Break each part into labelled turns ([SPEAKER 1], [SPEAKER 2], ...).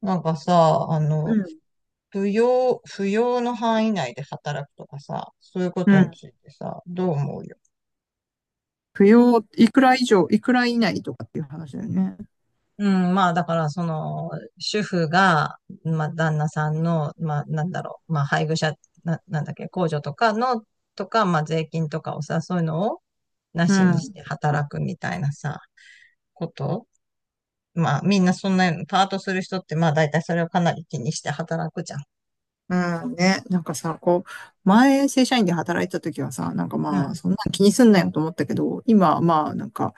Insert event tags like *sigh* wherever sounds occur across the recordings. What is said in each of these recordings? [SPEAKER 1] なんかさ、
[SPEAKER 2] うん。
[SPEAKER 1] 扶養の範囲内で働くとかさ、そういうこ
[SPEAKER 2] う
[SPEAKER 1] とに
[SPEAKER 2] ん。
[SPEAKER 1] ついてさ、どう思うよ。
[SPEAKER 2] 扶養、いくら以上、いくら以内とかっていう話だよね。
[SPEAKER 1] うん、まあ、だから、その、主婦が、まあ、旦那さんの、まあ、なんだろう、まあ、配偶者、なんだっけ、控除とかの、とか、まあ、税金とかをさ、そういうのを、な
[SPEAKER 2] う
[SPEAKER 1] しにし
[SPEAKER 2] ん。
[SPEAKER 1] て働くみたいなさ、こと。まあ、みんなそんな、パートする人って、まあ、大体それをかなり気にして働くじゃん。
[SPEAKER 2] うん。ね。なんかさ、こう、前、正社員で働いてた時はさ、なんか
[SPEAKER 1] う
[SPEAKER 2] まあ、
[SPEAKER 1] ん、
[SPEAKER 2] そんな気にすんなよと思ったけど、今、まあ、なんか、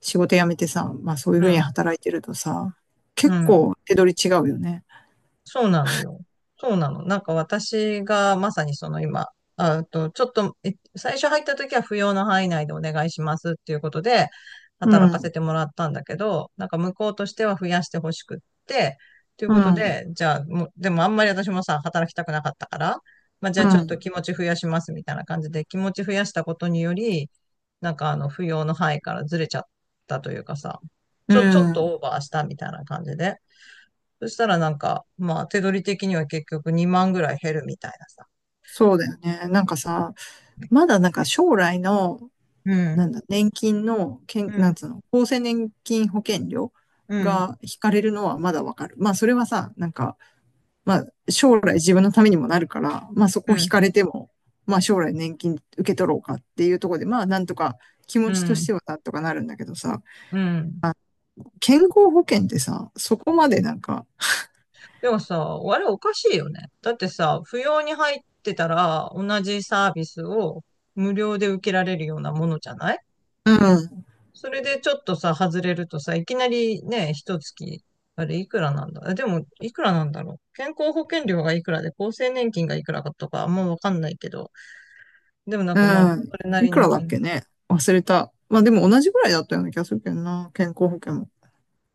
[SPEAKER 2] 仕事辞めてさ、まあ、そういうふ
[SPEAKER 1] う
[SPEAKER 2] うに
[SPEAKER 1] ん、
[SPEAKER 2] 働いてるとさ、
[SPEAKER 1] う
[SPEAKER 2] 結
[SPEAKER 1] ん。
[SPEAKER 2] 構、手取り違うよね。
[SPEAKER 1] そうなのよ。そうなの。なんか私がまさにその今、ちょっと、最初入った時は不要の範囲内でお願いしますっていうことで、
[SPEAKER 2] う
[SPEAKER 1] 働かせ
[SPEAKER 2] ん。
[SPEAKER 1] てもらったんだけど、なんか向こうとしては増やしてほしくって、という
[SPEAKER 2] う
[SPEAKER 1] こと
[SPEAKER 2] ん。
[SPEAKER 1] で、じゃあ、もう、でもあんまり私もさ、働きたくなかったから、まあじ
[SPEAKER 2] う
[SPEAKER 1] ゃあちょっと
[SPEAKER 2] ん。
[SPEAKER 1] 気持ち増やしますみたいな感じで、気持ち増やしたことにより、なんか不要の範囲からずれちゃったというかさ、
[SPEAKER 2] う
[SPEAKER 1] ちょっと
[SPEAKER 2] ん。
[SPEAKER 1] オーバーしたみたいな感じで。そしたらなんか、まあ手取り的には結局2万ぐらい減るみたいなさ。
[SPEAKER 2] そうだよね。なんかさ、まだなんか将来の、
[SPEAKER 1] う
[SPEAKER 2] な
[SPEAKER 1] ん、
[SPEAKER 2] んだ、年金の、
[SPEAKER 1] う
[SPEAKER 2] なん
[SPEAKER 1] ん、
[SPEAKER 2] つうの、厚生年金保険料
[SPEAKER 1] うん、
[SPEAKER 2] が引かれるのはまだわかる。まあ、それはさ、なんか、まあ、将来自分のためにもなるから、まあ、そこ
[SPEAKER 1] う
[SPEAKER 2] 引
[SPEAKER 1] ん、
[SPEAKER 2] かれても、まあ、将来年金受け取ろうかっていうところで、まあ、なんとか気持
[SPEAKER 1] う
[SPEAKER 2] ちとし
[SPEAKER 1] ん、
[SPEAKER 2] てはなんとかなるんだけどさ、
[SPEAKER 1] うん。
[SPEAKER 2] 健康保険ってさ、そこまでなんか、
[SPEAKER 1] でもさ、あれおかしいよね。だってさ、不要に入ってたら同じサービスを無料で受けられるようなものじゃない。
[SPEAKER 2] うん、
[SPEAKER 1] それでちょっとさ、外れるとさ、いきなりね、一月、あれいくらなんだ。でも、いくらなんだろう、健康保険料がいくらで、厚生年金がいくらかとか、あんまわかんないけど。でもなん
[SPEAKER 2] う
[SPEAKER 1] かまあ、
[SPEAKER 2] ん、
[SPEAKER 1] それな
[SPEAKER 2] い
[SPEAKER 1] り
[SPEAKER 2] く
[SPEAKER 1] の
[SPEAKER 2] らだっ
[SPEAKER 1] 金。
[SPEAKER 2] けね忘れた。まあ、でも同じぐらいだったような気がするけどな、健康保険も。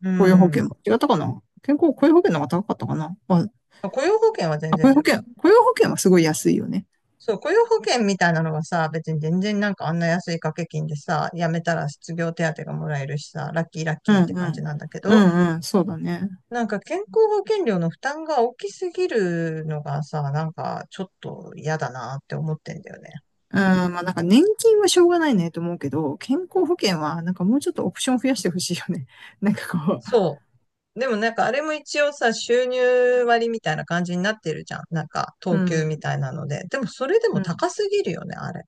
[SPEAKER 1] う
[SPEAKER 2] 雇用保険
[SPEAKER 1] ん。
[SPEAKER 2] も。違ったかな雇用保険の方が高かったかなまあ、
[SPEAKER 1] 雇用保険は全
[SPEAKER 2] あ、雇
[SPEAKER 1] 然
[SPEAKER 2] 用
[SPEAKER 1] だ
[SPEAKER 2] 保
[SPEAKER 1] よ。
[SPEAKER 2] 険、雇用保険はすごい安いよね。
[SPEAKER 1] そう、雇用保険みたいなのはさ、別に全然なんかあんな安い掛け金でさ、辞めたら失業手当がもらえるしさ、ラッキーラッ
[SPEAKER 2] う
[SPEAKER 1] キーって
[SPEAKER 2] んう
[SPEAKER 1] 感じ
[SPEAKER 2] ん。
[SPEAKER 1] なんだけ
[SPEAKER 2] う
[SPEAKER 1] ど、
[SPEAKER 2] んうん、そうだね。
[SPEAKER 1] なんか健康保険料の負担が大きすぎるのがさ、なんかちょっと嫌だなって思ってんだよね。
[SPEAKER 2] うん、まあなんか年金はしょうがないねと思うけど、健康保険はなんかもうちょっとオプション増やしてほしいよね。*laughs* なんかこ
[SPEAKER 1] そう。でもなんかあれも一応さ、収入割みたいな感じになってるじゃん。なんか、
[SPEAKER 2] う、う
[SPEAKER 1] 等級
[SPEAKER 2] ん、
[SPEAKER 1] みたいなので。でもそれでも
[SPEAKER 2] うん。
[SPEAKER 1] 高すぎるよね、あれ。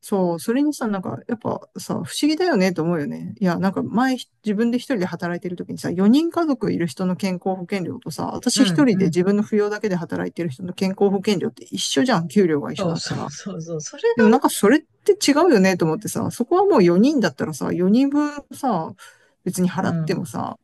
[SPEAKER 2] そう、それにさ、なんかやっぱさ、不思議だよねと思うよね。いや、なんか前自分で一人で働いてる時にさ、4人家族いる人の健康保険料とさ、
[SPEAKER 1] う
[SPEAKER 2] 私
[SPEAKER 1] ん、
[SPEAKER 2] 一人
[SPEAKER 1] う
[SPEAKER 2] で
[SPEAKER 1] ん。
[SPEAKER 2] 自分の扶養だけで働いてる人の健康保険料って一緒じゃん、給料が一緒
[SPEAKER 1] そう
[SPEAKER 2] だっ
[SPEAKER 1] そ
[SPEAKER 2] た
[SPEAKER 1] う
[SPEAKER 2] ら。
[SPEAKER 1] そうそう。それ
[SPEAKER 2] でもなんかそれって違うよねと思ってさ、そこはもう4人だったらさ、4人分さ、別に払
[SPEAKER 1] が
[SPEAKER 2] っ
[SPEAKER 1] な、
[SPEAKER 2] て
[SPEAKER 1] うん。
[SPEAKER 2] もさ、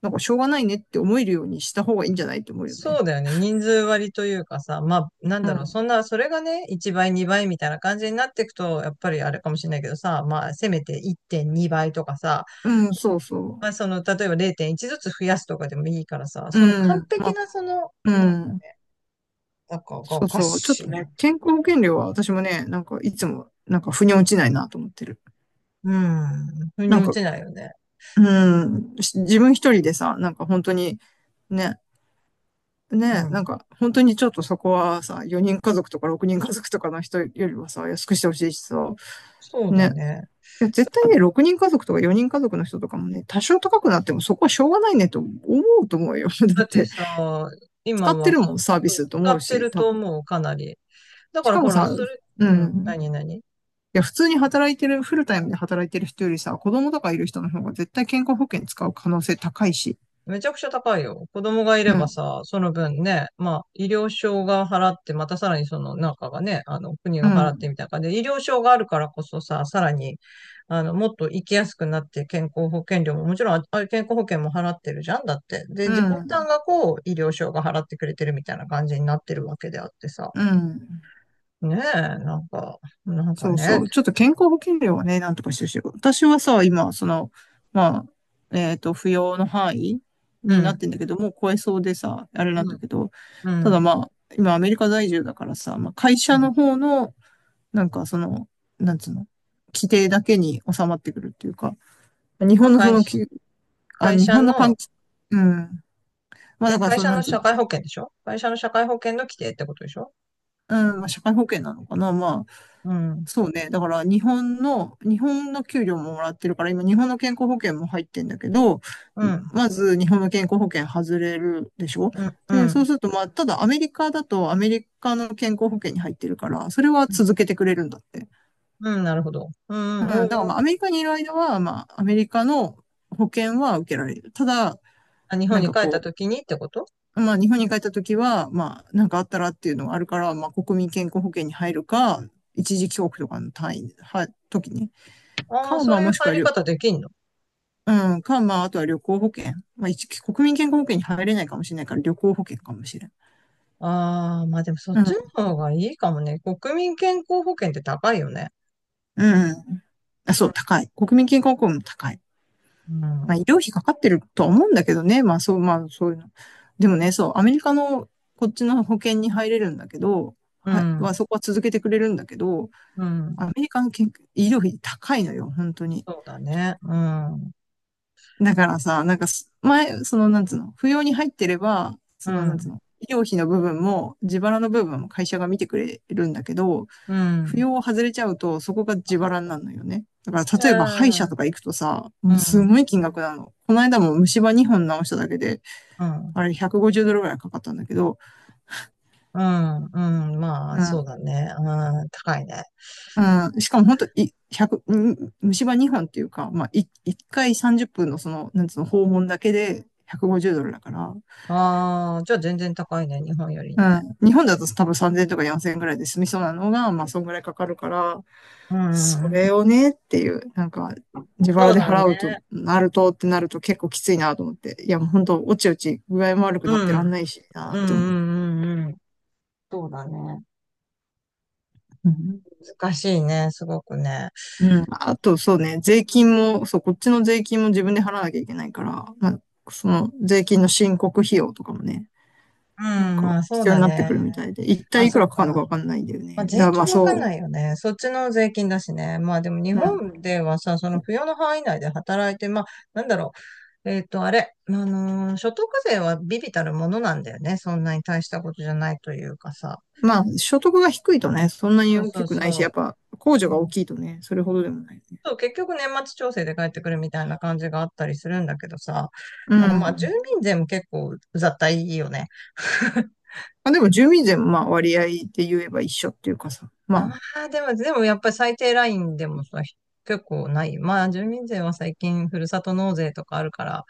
[SPEAKER 2] なんかしょうがないねって思えるようにした方がいいんじゃないと思うよ
[SPEAKER 1] そう
[SPEAKER 2] ね。
[SPEAKER 1] だよね。人数割というかさ、まあ、なん
[SPEAKER 2] う
[SPEAKER 1] だろう、そ
[SPEAKER 2] ん。
[SPEAKER 1] んな、それがね、1倍、2倍みたいな感じになっていくと、やっぱりあれかもしれないけどさ、まあ、せめて1.2倍とかさ、
[SPEAKER 2] うん、そうそ
[SPEAKER 1] まあ、その、例えば0.1ずつ増やすとかでもいいからさ、
[SPEAKER 2] う。
[SPEAKER 1] その
[SPEAKER 2] う
[SPEAKER 1] 完
[SPEAKER 2] ん。ま
[SPEAKER 1] 璧
[SPEAKER 2] あ、
[SPEAKER 1] な、その、
[SPEAKER 2] うん。
[SPEAKER 1] なんかがお
[SPEAKER 2] そう
[SPEAKER 1] か
[SPEAKER 2] そう。ちょっ
[SPEAKER 1] しい
[SPEAKER 2] と
[SPEAKER 1] な。
[SPEAKER 2] ね、健康保険料は私もね、なんかいつも、なんか腑に落ちないなと思ってる。
[SPEAKER 1] うん。腑に
[SPEAKER 2] なん
[SPEAKER 1] 落
[SPEAKER 2] か、
[SPEAKER 1] ちないよね。
[SPEAKER 2] うん、自分一人でさ、なんか本当に、ね、
[SPEAKER 1] う
[SPEAKER 2] ね、なん
[SPEAKER 1] ん。
[SPEAKER 2] か本当にちょっとそこはさ、4人家族とか6人家族とかの人よりはさ、安くしてほしいしさ、
[SPEAKER 1] そうだ
[SPEAKER 2] ね。
[SPEAKER 1] ね。
[SPEAKER 2] いや絶対ね、6人家族とか4人家族の人とかもね、多少高くなってもそこはしょうがないねと思うと思うよ。*laughs* だっ
[SPEAKER 1] だって
[SPEAKER 2] て、
[SPEAKER 1] さ、
[SPEAKER 2] 使
[SPEAKER 1] 今
[SPEAKER 2] って
[SPEAKER 1] は、
[SPEAKER 2] るも
[SPEAKER 1] そ
[SPEAKER 2] ん、サービ
[SPEAKER 1] う
[SPEAKER 2] スと
[SPEAKER 1] 使
[SPEAKER 2] 思う
[SPEAKER 1] って
[SPEAKER 2] し、
[SPEAKER 1] る
[SPEAKER 2] 多
[SPEAKER 1] と
[SPEAKER 2] 分。
[SPEAKER 1] 思う、かなり。だ
[SPEAKER 2] し
[SPEAKER 1] から
[SPEAKER 2] かも
[SPEAKER 1] ほら、
[SPEAKER 2] さ、
[SPEAKER 1] それ、
[SPEAKER 2] う
[SPEAKER 1] うん、
[SPEAKER 2] ん。
[SPEAKER 1] 何何。
[SPEAKER 2] いや、普通に働いてる、フルタイムで働いてる人よりさ、子供とかいる人の方が絶対健康保険使う可能性高いし。
[SPEAKER 1] めちゃくちゃ高いよ。子供がい
[SPEAKER 2] う
[SPEAKER 1] れば
[SPEAKER 2] ん。
[SPEAKER 1] さ、その分ね、まあ、医療証が払って、またさらにその中がね、国
[SPEAKER 2] う
[SPEAKER 1] が払って
[SPEAKER 2] ん。
[SPEAKER 1] みたいな感じで、医療証があるからこそさ、さらに、もっと生きやすくなって、健康保険料も、もちろん、ああれ健康保険も払ってるじゃんだって。で、
[SPEAKER 2] う
[SPEAKER 1] 自己負
[SPEAKER 2] ん。
[SPEAKER 1] 担がこう、医療証が払ってくれてるみたいな感じになってるわけであってさ。
[SPEAKER 2] うん。
[SPEAKER 1] ねえ、なんか、なんか
[SPEAKER 2] そうそ
[SPEAKER 1] ね、
[SPEAKER 2] う。ちょっと健康保険料はね、なんとかしてほしい。私はさ、今、その、まあ、扶養の範囲
[SPEAKER 1] う
[SPEAKER 2] になっ
[SPEAKER 1] ん、
[SPEAKER 2] てんだけど、もう超えそうでさ、あれ
[SPEAKER 1] う
[SPEAKER 2] なんだ
[SPEAKER 1] ん、
[SPEAKER 2] けど、た
[SPEAKER 1] う
[SPEAKER 2] だ
[SPEAKER 1] ん。
[SPEAKER 2] まあ、今アメリカ在住だからさ、まあ、会
[SPEAKER 1] う
[SPEAKER 2] 社
[SPEAKER 1] ん。
[SPEAKER 2] の方の、なんかその、なんつうの、規定だけに収まってくるっていうか、日
[SPEAKER 1] まあ、
[SPEAKER 2] 本のそのき、あ、
[SPEAKER 1] 会
[SPEAKER 2] 日
[SPEAKER 1] 社
[SPEAKER 2] 本の関
[SPEAKER 1] の、
[SPEAKER 2] 係、うん。まあ
[SPEAKER 1] え、
[SPEAKER 2] だから
[SPEAKER 1] 会
[SPEAKER 2] その、
[SPEAKER 1] 社
[SPEAKER 2] な
[SPEAKER 1] の
[SPEAKER 2] んつうの、
[SPEAKER 1] 社会保険でしょ？会社の社会保険の規定ってことでしょ？
[SPEAKER 2] うん、まあ社会保険なのかな、まあ、
[SPEAKER 1] うん。
[SPEAKER 2] そうね。だから日本の給料ももらってるから、今日本の健康保険も入ってんだけど、
[SPEAKER 1] うん。
[SPEAKER 2] まず日本の健康保険外れるでしょ
[SPEAKER 1] うん。う
[SPEAKER 2] で、そ
[SPEAKER 1] ん。
[SPEAKER 2] うすると、まあ、ただアメリカだとアメリカの健康保険に入ってるから、それは続けてくれるんだって。
[SPEAKER 1] うん、なるほど。う
[SPEAKER 2] うん、だ
[SPEAKER 1] ん。うん。
[SPEAKER 2] からまあアメリカにいる間は、まあ、アメリカの保険は受けられる。ただ、
[SPEAKER 1] あ、日
[SPEAKER 2] な
[SPEAKER 1] 本
[SPEAKER 2] ん
[SPEAKER 1] に
[SPEAKER 2] か
[SPEAKER 1] 帰っ
[SPEAKER 2] こ
[SPEAKER 1] た時にってこと？
[SPEAKER 2] う、まあ、日本に帰った時は、まあ、なんかあったらっていうのがあるから、まあ、国民健康保険に入るか、一時帰国とかの単位、は、時に
[SPEAKER 1] ああー、
[SPEAKER 2] カー
[SPEAKER 1] そう
[SPEAKER 2] マ
[SPEAKER 1] いう
[SPEAKER 2] もしく
[SPEAKER 1] 入
[SPEAKER 2] は
[SPEAKER 1] り
[SPEAKER 2] りょ、
[SPEAKER 1] 方できんの？
[SPEAKER 2] うん、カウマ、あとは旅行保険。まあ、国民健康保険に入れないかもしれないから、旅行保険かもしれん。
[SPEAKER 1] ああー、まあでもそっ
[SPEAKER 2] う
[SPEAKER 1] ち
[SPEAKER 2] ん、
[SPEAKER 1] の方がいいかもね。国民健康保険って高いよね。
[SPEAKER 2] うん。あ、そ
[SPEAKER 1] うん。
[SPEAKER 2] う、高い。国民健康保険も高い。
[SPEAKER 1] う
[SPEAKER 2] ま
[SPEAKER 1] ん。
[SPEAKER 2] あ、医療費かかってるとは思うんだけどね。まあ、そう、まあ、そういうの。でもね、そう、アメリカのこっちの保険に入れるんだけど、
[SPEAKER 1] うん。
[SPEAKER 2] そこは続けてくれるんだけど、
[SPEAKER 1] う
[SPEAKER 2] ア
[SPEAKER 1] ん。
[SPEAKER 2] メリカの健医療費高いのよ、本当に。
[SPEAKER 1] そうだね。うん。
[SPEAKER 2] だからさ、なんかす、前、その、なんつうの、扶養に入ってれば、
[SPEAKER 1] う
[SPEAKER 2] その、なんつう
[SPEAKER 1] ん。
[SPEAKER 2] の、医療費の部分も、自腹の部分も会社が見てくれるんだけど、
[SPEAKER 1] う
[SPEAKER 2] 扶
[SPEAKER 1] ん。
[SPEAKER 2] 養を外れちゃうと、そこが
[SPEAKER 1] あ、
[SPEAKER 2] 自
[SPEAKER 1] そっ
[SPEAKER 2] 腹にな
[SPEAKER 1] か。
[SPEAKER 2] るのよね。だから、例えば歯医者とか行くとさ、
[SPEAKER 1] うん。う
[SPEAKER 2] もうす
[SPEAKER 1] ん。
[SPEAKER 2] ごい金額なの。この間も虫歯2本直しただけで、
[SPEAKER 1] うん。
[SPEAKER 2] あれ150ドルぐらいかかったんだけど、
[SPEAKER 1] うん。うん。まあ、
[SPEAKER 2] う
[SPEAKER 1] そう
[SPEAKER 2] ん、
[SPEAKER 1] だね。うん。高いね。
[SPEAKER 2] うん、しかも本当い、百虫歯2本っていうか、まあ、1回30分のその、なんつうの、訪問だけで150ドルだから、
[SPEAKER 1] ああ、じゃあ全然高いね、日本より
[SPEAKER 2] う
[SPEAKER 1] ね。
[SPEAKER 2] ん。日本だと多分3000とか4000ぐらいで済みそうなのが、まあそんぐらいかかるから、
[SPEAKER 1] う
[SPEAKER 2] それ
[SPEAKER 1] ん。
[SPEAKER 2] をねっていう、なんか自
[SPEAKER 1] そ
[SPEAKER 2] 腹
[SPEAKER 1] う
[SPEAKER 2] で
[SPEAKER 1] だ
[SPEAKER 2] 払うと
[SPEAKER 1] ね。
[SPEAKER 2] なるとってなると結構きついなと思って。いやもう本当おちおち具合も悪く
[SPEAKER 1] う
[SPEAKER 2] なってらん
[SPEAKER 1] ん。
[SPEAKER 2] ないし
[SPEAKER 1] うんう
[SPEAKER 2] なって思う。
[SPEAKER 1] んうんうん。そうだね。
[SPEAKER 2] うん。
[SPEAKER 1] 難しいね、すごくね。
[SPEAKER 2] うん。あとそうね、税金も、そう、こっちの税金も自分で払わなきゃいけないから、まあその税金の申告費用とかもね、
[SPEAKER 1] う
[SPEAKER 2] なん
[SPEAKER 1] ん、
[SPEAKER 2] か
[SPEAKER 1] まあそう
[SPEAKER 2] 必要
[SPEAKER 1] だ
[SPEAKER 2] になって
[SPEAKER 1] ね。
[SPEAKER 2] くるみたいで、一
[SPEAKER 1] あ、
[SPEAKER 2] 体いく
[SPEAKER 1] そっ
[SPEAKER 2] らか
[SPEAKER 1] か。
[SPEAKER 2] かるのかわかんないんだよ
[SPEAKER 1] まあ
[SPEAKER 2] ね。だ
[SPEAKER 1] 税
[SPEAKER 2] からまあ
[SPEAKER 1] 金わかん
[SPEAKER 2] そ
[SPEAKER 1] ないよね。そっちの税金だしね。まあでも日
[SPEAKER 2] う。
[SPEAKER 1] 本ではさ、その扶養の範囲内で働いて、まあなんだろう。あれ、所得税は微々たるものなんだよね。そんなに大したことじゃないというかさ。
[SPEAKER 2] まあ、所得が低いとね、そんなに
[SPEAKER 1] そう
[SPEAKER 2] 大
[SPEAKER 1] そ
[SPEAKER 2] き
[SPEAKER 1] う
[SPEAKER 2] くないし、やっ
[SPEAKER 1] そ
[SPEAKER 2] ぱ、控除が大
[SPEAKER 1] う。
[SPEAKER 2] きいとね、それほどでもないね。
[SPEAKER 1] そう、結局年末調整で帰ってくるみたいな感じがあったりするんだけどさ、
[SPEAKER 2] う
[SPEAKER 1] なんかまあ住
[SPEAKER 2] ん。
[SPEAKER 1] 民税も結構うざったいよね。*laughs*
[SPEAKER 2] まあ、でも、住民税もまあ、割合で言えば一緒っていうかさ、
[SPEAKER 1] あ
[SPEAKER 2] ま
[SPEAKER 1] あ、でもやっぱり最低ラインでもさ、結構ない。まあ住民税は最近ふるさと納税とかあるから、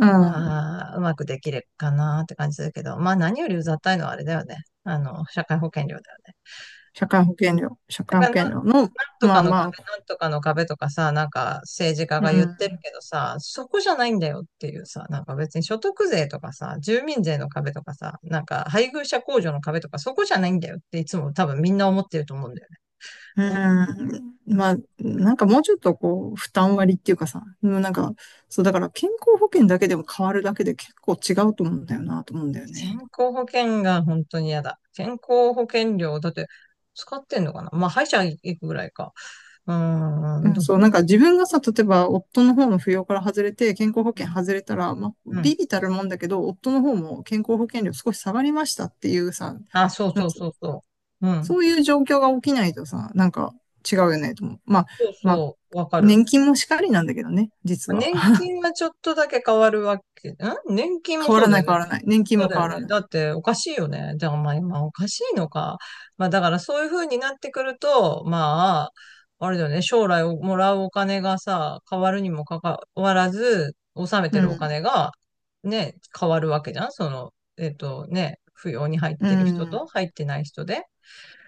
[SPEAKER 2] あ、うん。
[SPEAKER 1] まあうまくできるかなって感じするけど、まあ何よりうざったいのはあれだよね。社会保険料だよね。
[SPEAKER 2] 社会保険料の、
[SPEAKER 1] なんと
[SPEAKER 2] ま
[SPEAKER 1] か
[SPEAKER 2] あ
[SPEAKER 1] の
[SPEAKER 2] ま
[SPEAKER 1] 壁、
[SPEAKER 2] あ、
[SPEAKER 1] なんとかの壁とかさ、なんか政治家
[SPEAKER 2] う
[SPEAKER 1] が言ってる
[SPEAKER 2] ん。
[SPEAKER 1] けどさ、そこじゃないんだよっていうさ、なんか別に所得税とかさ、住民税の壁とかさ、なんか配偶者控除の壁とかそこじゃないんだよっていつも多分みんな思ってると思うんだよね。
[SPEAKER 2] う
[SPEAKER 1] 思う。
[SPEAKER 2] ん。まあ、なんかもうちょっとこう、負担割っていうかさ、もうなんか、そう、だから健康保険だけでも変わるだけで結構違うと思うんだよな、と思うんだよ
[SPEAKER 1] 健
[SPEAKER 2] ね。
[SPEAKER 1] 康保険が本当に嫌だ。健康保険料、だって使ってんのかな。まあ歯医者行くぐらいか。うー
[SPEAKER 2] う
[SPEAKER 1] ん、
[SPEAKER 2] ん、
[SPEAKER 1] どう。
[SPEAKER 2] そう、なんか自分がさ、例えば夫の方の扶養から外れて、健康保
[SPEAKER 1] う
[SPEAKER 2] 険
[SPEAKER 1] ん、
[SPEAKER 2] 外れたら、まあ、
[SPEAKER 1] うん。
[SPEAKER 2] ビビたるもんだけど、夫の方も健康保険料少し下がりましたっていうさ、
[SPEAKER 1] あ、そう
[SPEAKER 2] なん
[SPEAKER 1] そう
[SPEAKER 2] つう
[SPEAKER 1] そうそう。うん。
[SPEAKER 2] そういう状況が起きないとさ、なんか違うよねと思う。まあ、
[SPEAKER 1] そう
[SPEAKER 2] まあ、
[SPEAKER 1] そう、わかる。
[SPEAKER 2] 年金もしかりなんだけどね、実は。
[SPEAKER 1] 年
[SPEAKER 2] *laughs*
[SPEAKER 1] 金はちょっとだけ変わるわけ？ん。年金も
[SPEAKER 2] 変わ
[SPEAKER 1] そう
[SPEAKER 2] ら
[SPEAKER 1] だ
[SPEAKER 2] な
[SPEAKER 1] よ
[SPEAKER 2] い変わ
[SPEAKER 1] ね。
[SPEAKER 2] らない。年金
[SPEAKER 1] そう
[SPEAKER 2] も
[SPEAKER 1] だ
[SPEAKER 2] 変
[SPEAKER 1] よ
[SPEAKER 2] わら
[SPEAKER 1] ね。
[SPEAKER 2] ない。
[SPEAKER 1] だっておかしいよね。でもまあ今おかしいのか。まあだからそういう風になってくると、まあ、あれだよね。将来をもらうお金がさ、変わるにもかかわらず、納めて
[SPEAKER 2] う
[SPEAKER 1] るお金
[SPEAKER 2] ん。
[SPEAKER 1] がね、変わるわけじゃん。その、扶養に入っ
[SPEAKER 2] う
[SPEAKER 1] てる人と
[SPEAKER 2] ん。
[SPEAKER 1] 入ってない人で。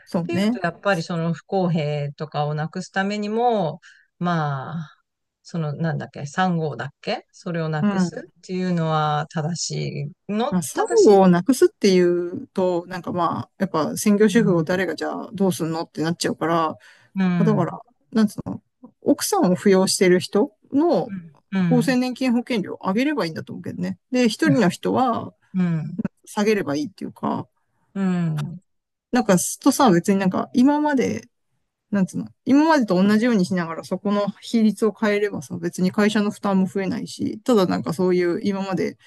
[SPEAKER 2] そう
[SPEAKER 1] ていうと、
[SPEAKER 2] ね。
[SPEAKER 1] やっぱりその不公平とかをなくすためにも、まあ、そのなんだっけ、3号だっけ。それをな
[SPEAKER 2] う
[SPEAKER 1] くす
[SPEAKER 2] ん。
[SPEAKER 1] っていうのは正しいの、
[SPEAKER 2] まあ、産
[SPEAKER 1] 正し
[SPEAKER 2] 後
[SPEAKER 1] い。
[SPEAKER 2] をなくすっていうと、なんかまあ、やっぱ専業
[SPEAKER 1] う
[SPEAKER 2] 主婦を
[SPEAKER 1] ん、
[SPEAKER 2] 誰がじゃあどうすんのってなっちゃうから、ま
[SPEAKER 1] う
[SPEAKER 2] あだから、
[SPEAKER 1] ん、
[SPEAKER 2] なんつうの、奥さんを扶養してる人の
[SPEAKER 1] うん、う
[SPEAKER 2] 厚
[SPEAKER 1] ん、
[SPEAKER 2] 生年金保険料を上げればいいんだと思うけどね。で、一人の人は
[SPEAKER 1] うん、
[SPEAKER 2] 下げればいいっていうか、
[SPEAKER 1] うん。
[SPEAKER 2] なんかすっとさ、別になんか今まで、なんつうの、今までと同じようにしながらそこの比率を変えればさ、別に会社の負担も増えないし、ただなんかそういう今まで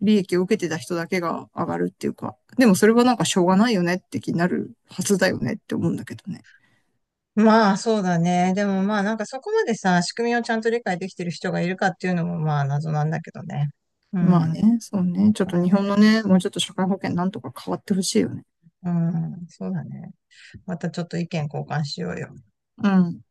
[SPEAKER 2] 利益を受けてた人だけが上がるっていうか、でもそれはなんかしょうがないよねって気になるはずだよねって思うんだけどね。
[SPEAKER 1] まあ、そうだね。でもまあ、なんかそこまでさ、仕組みをちゃんと理解できてる人がいるかっていうのもまあ、謎なんだけどね。う
[SPEAKER 2] ま
[SPEAKER 1] ん、
[SPEAKER 2] あ
[SPEAKER 1] ま
[SPEAKER 2] ね、そうね。ちょっと
[SPEAKER 1] あね。
[SPEAKER 2] 日本のね、もうちょっと社会保険なんとか変わってほしいよね。
[SPEAKER 1] うん、そうだね。またちょっと意見交換しようよ。
[SPEAKER 2] うん。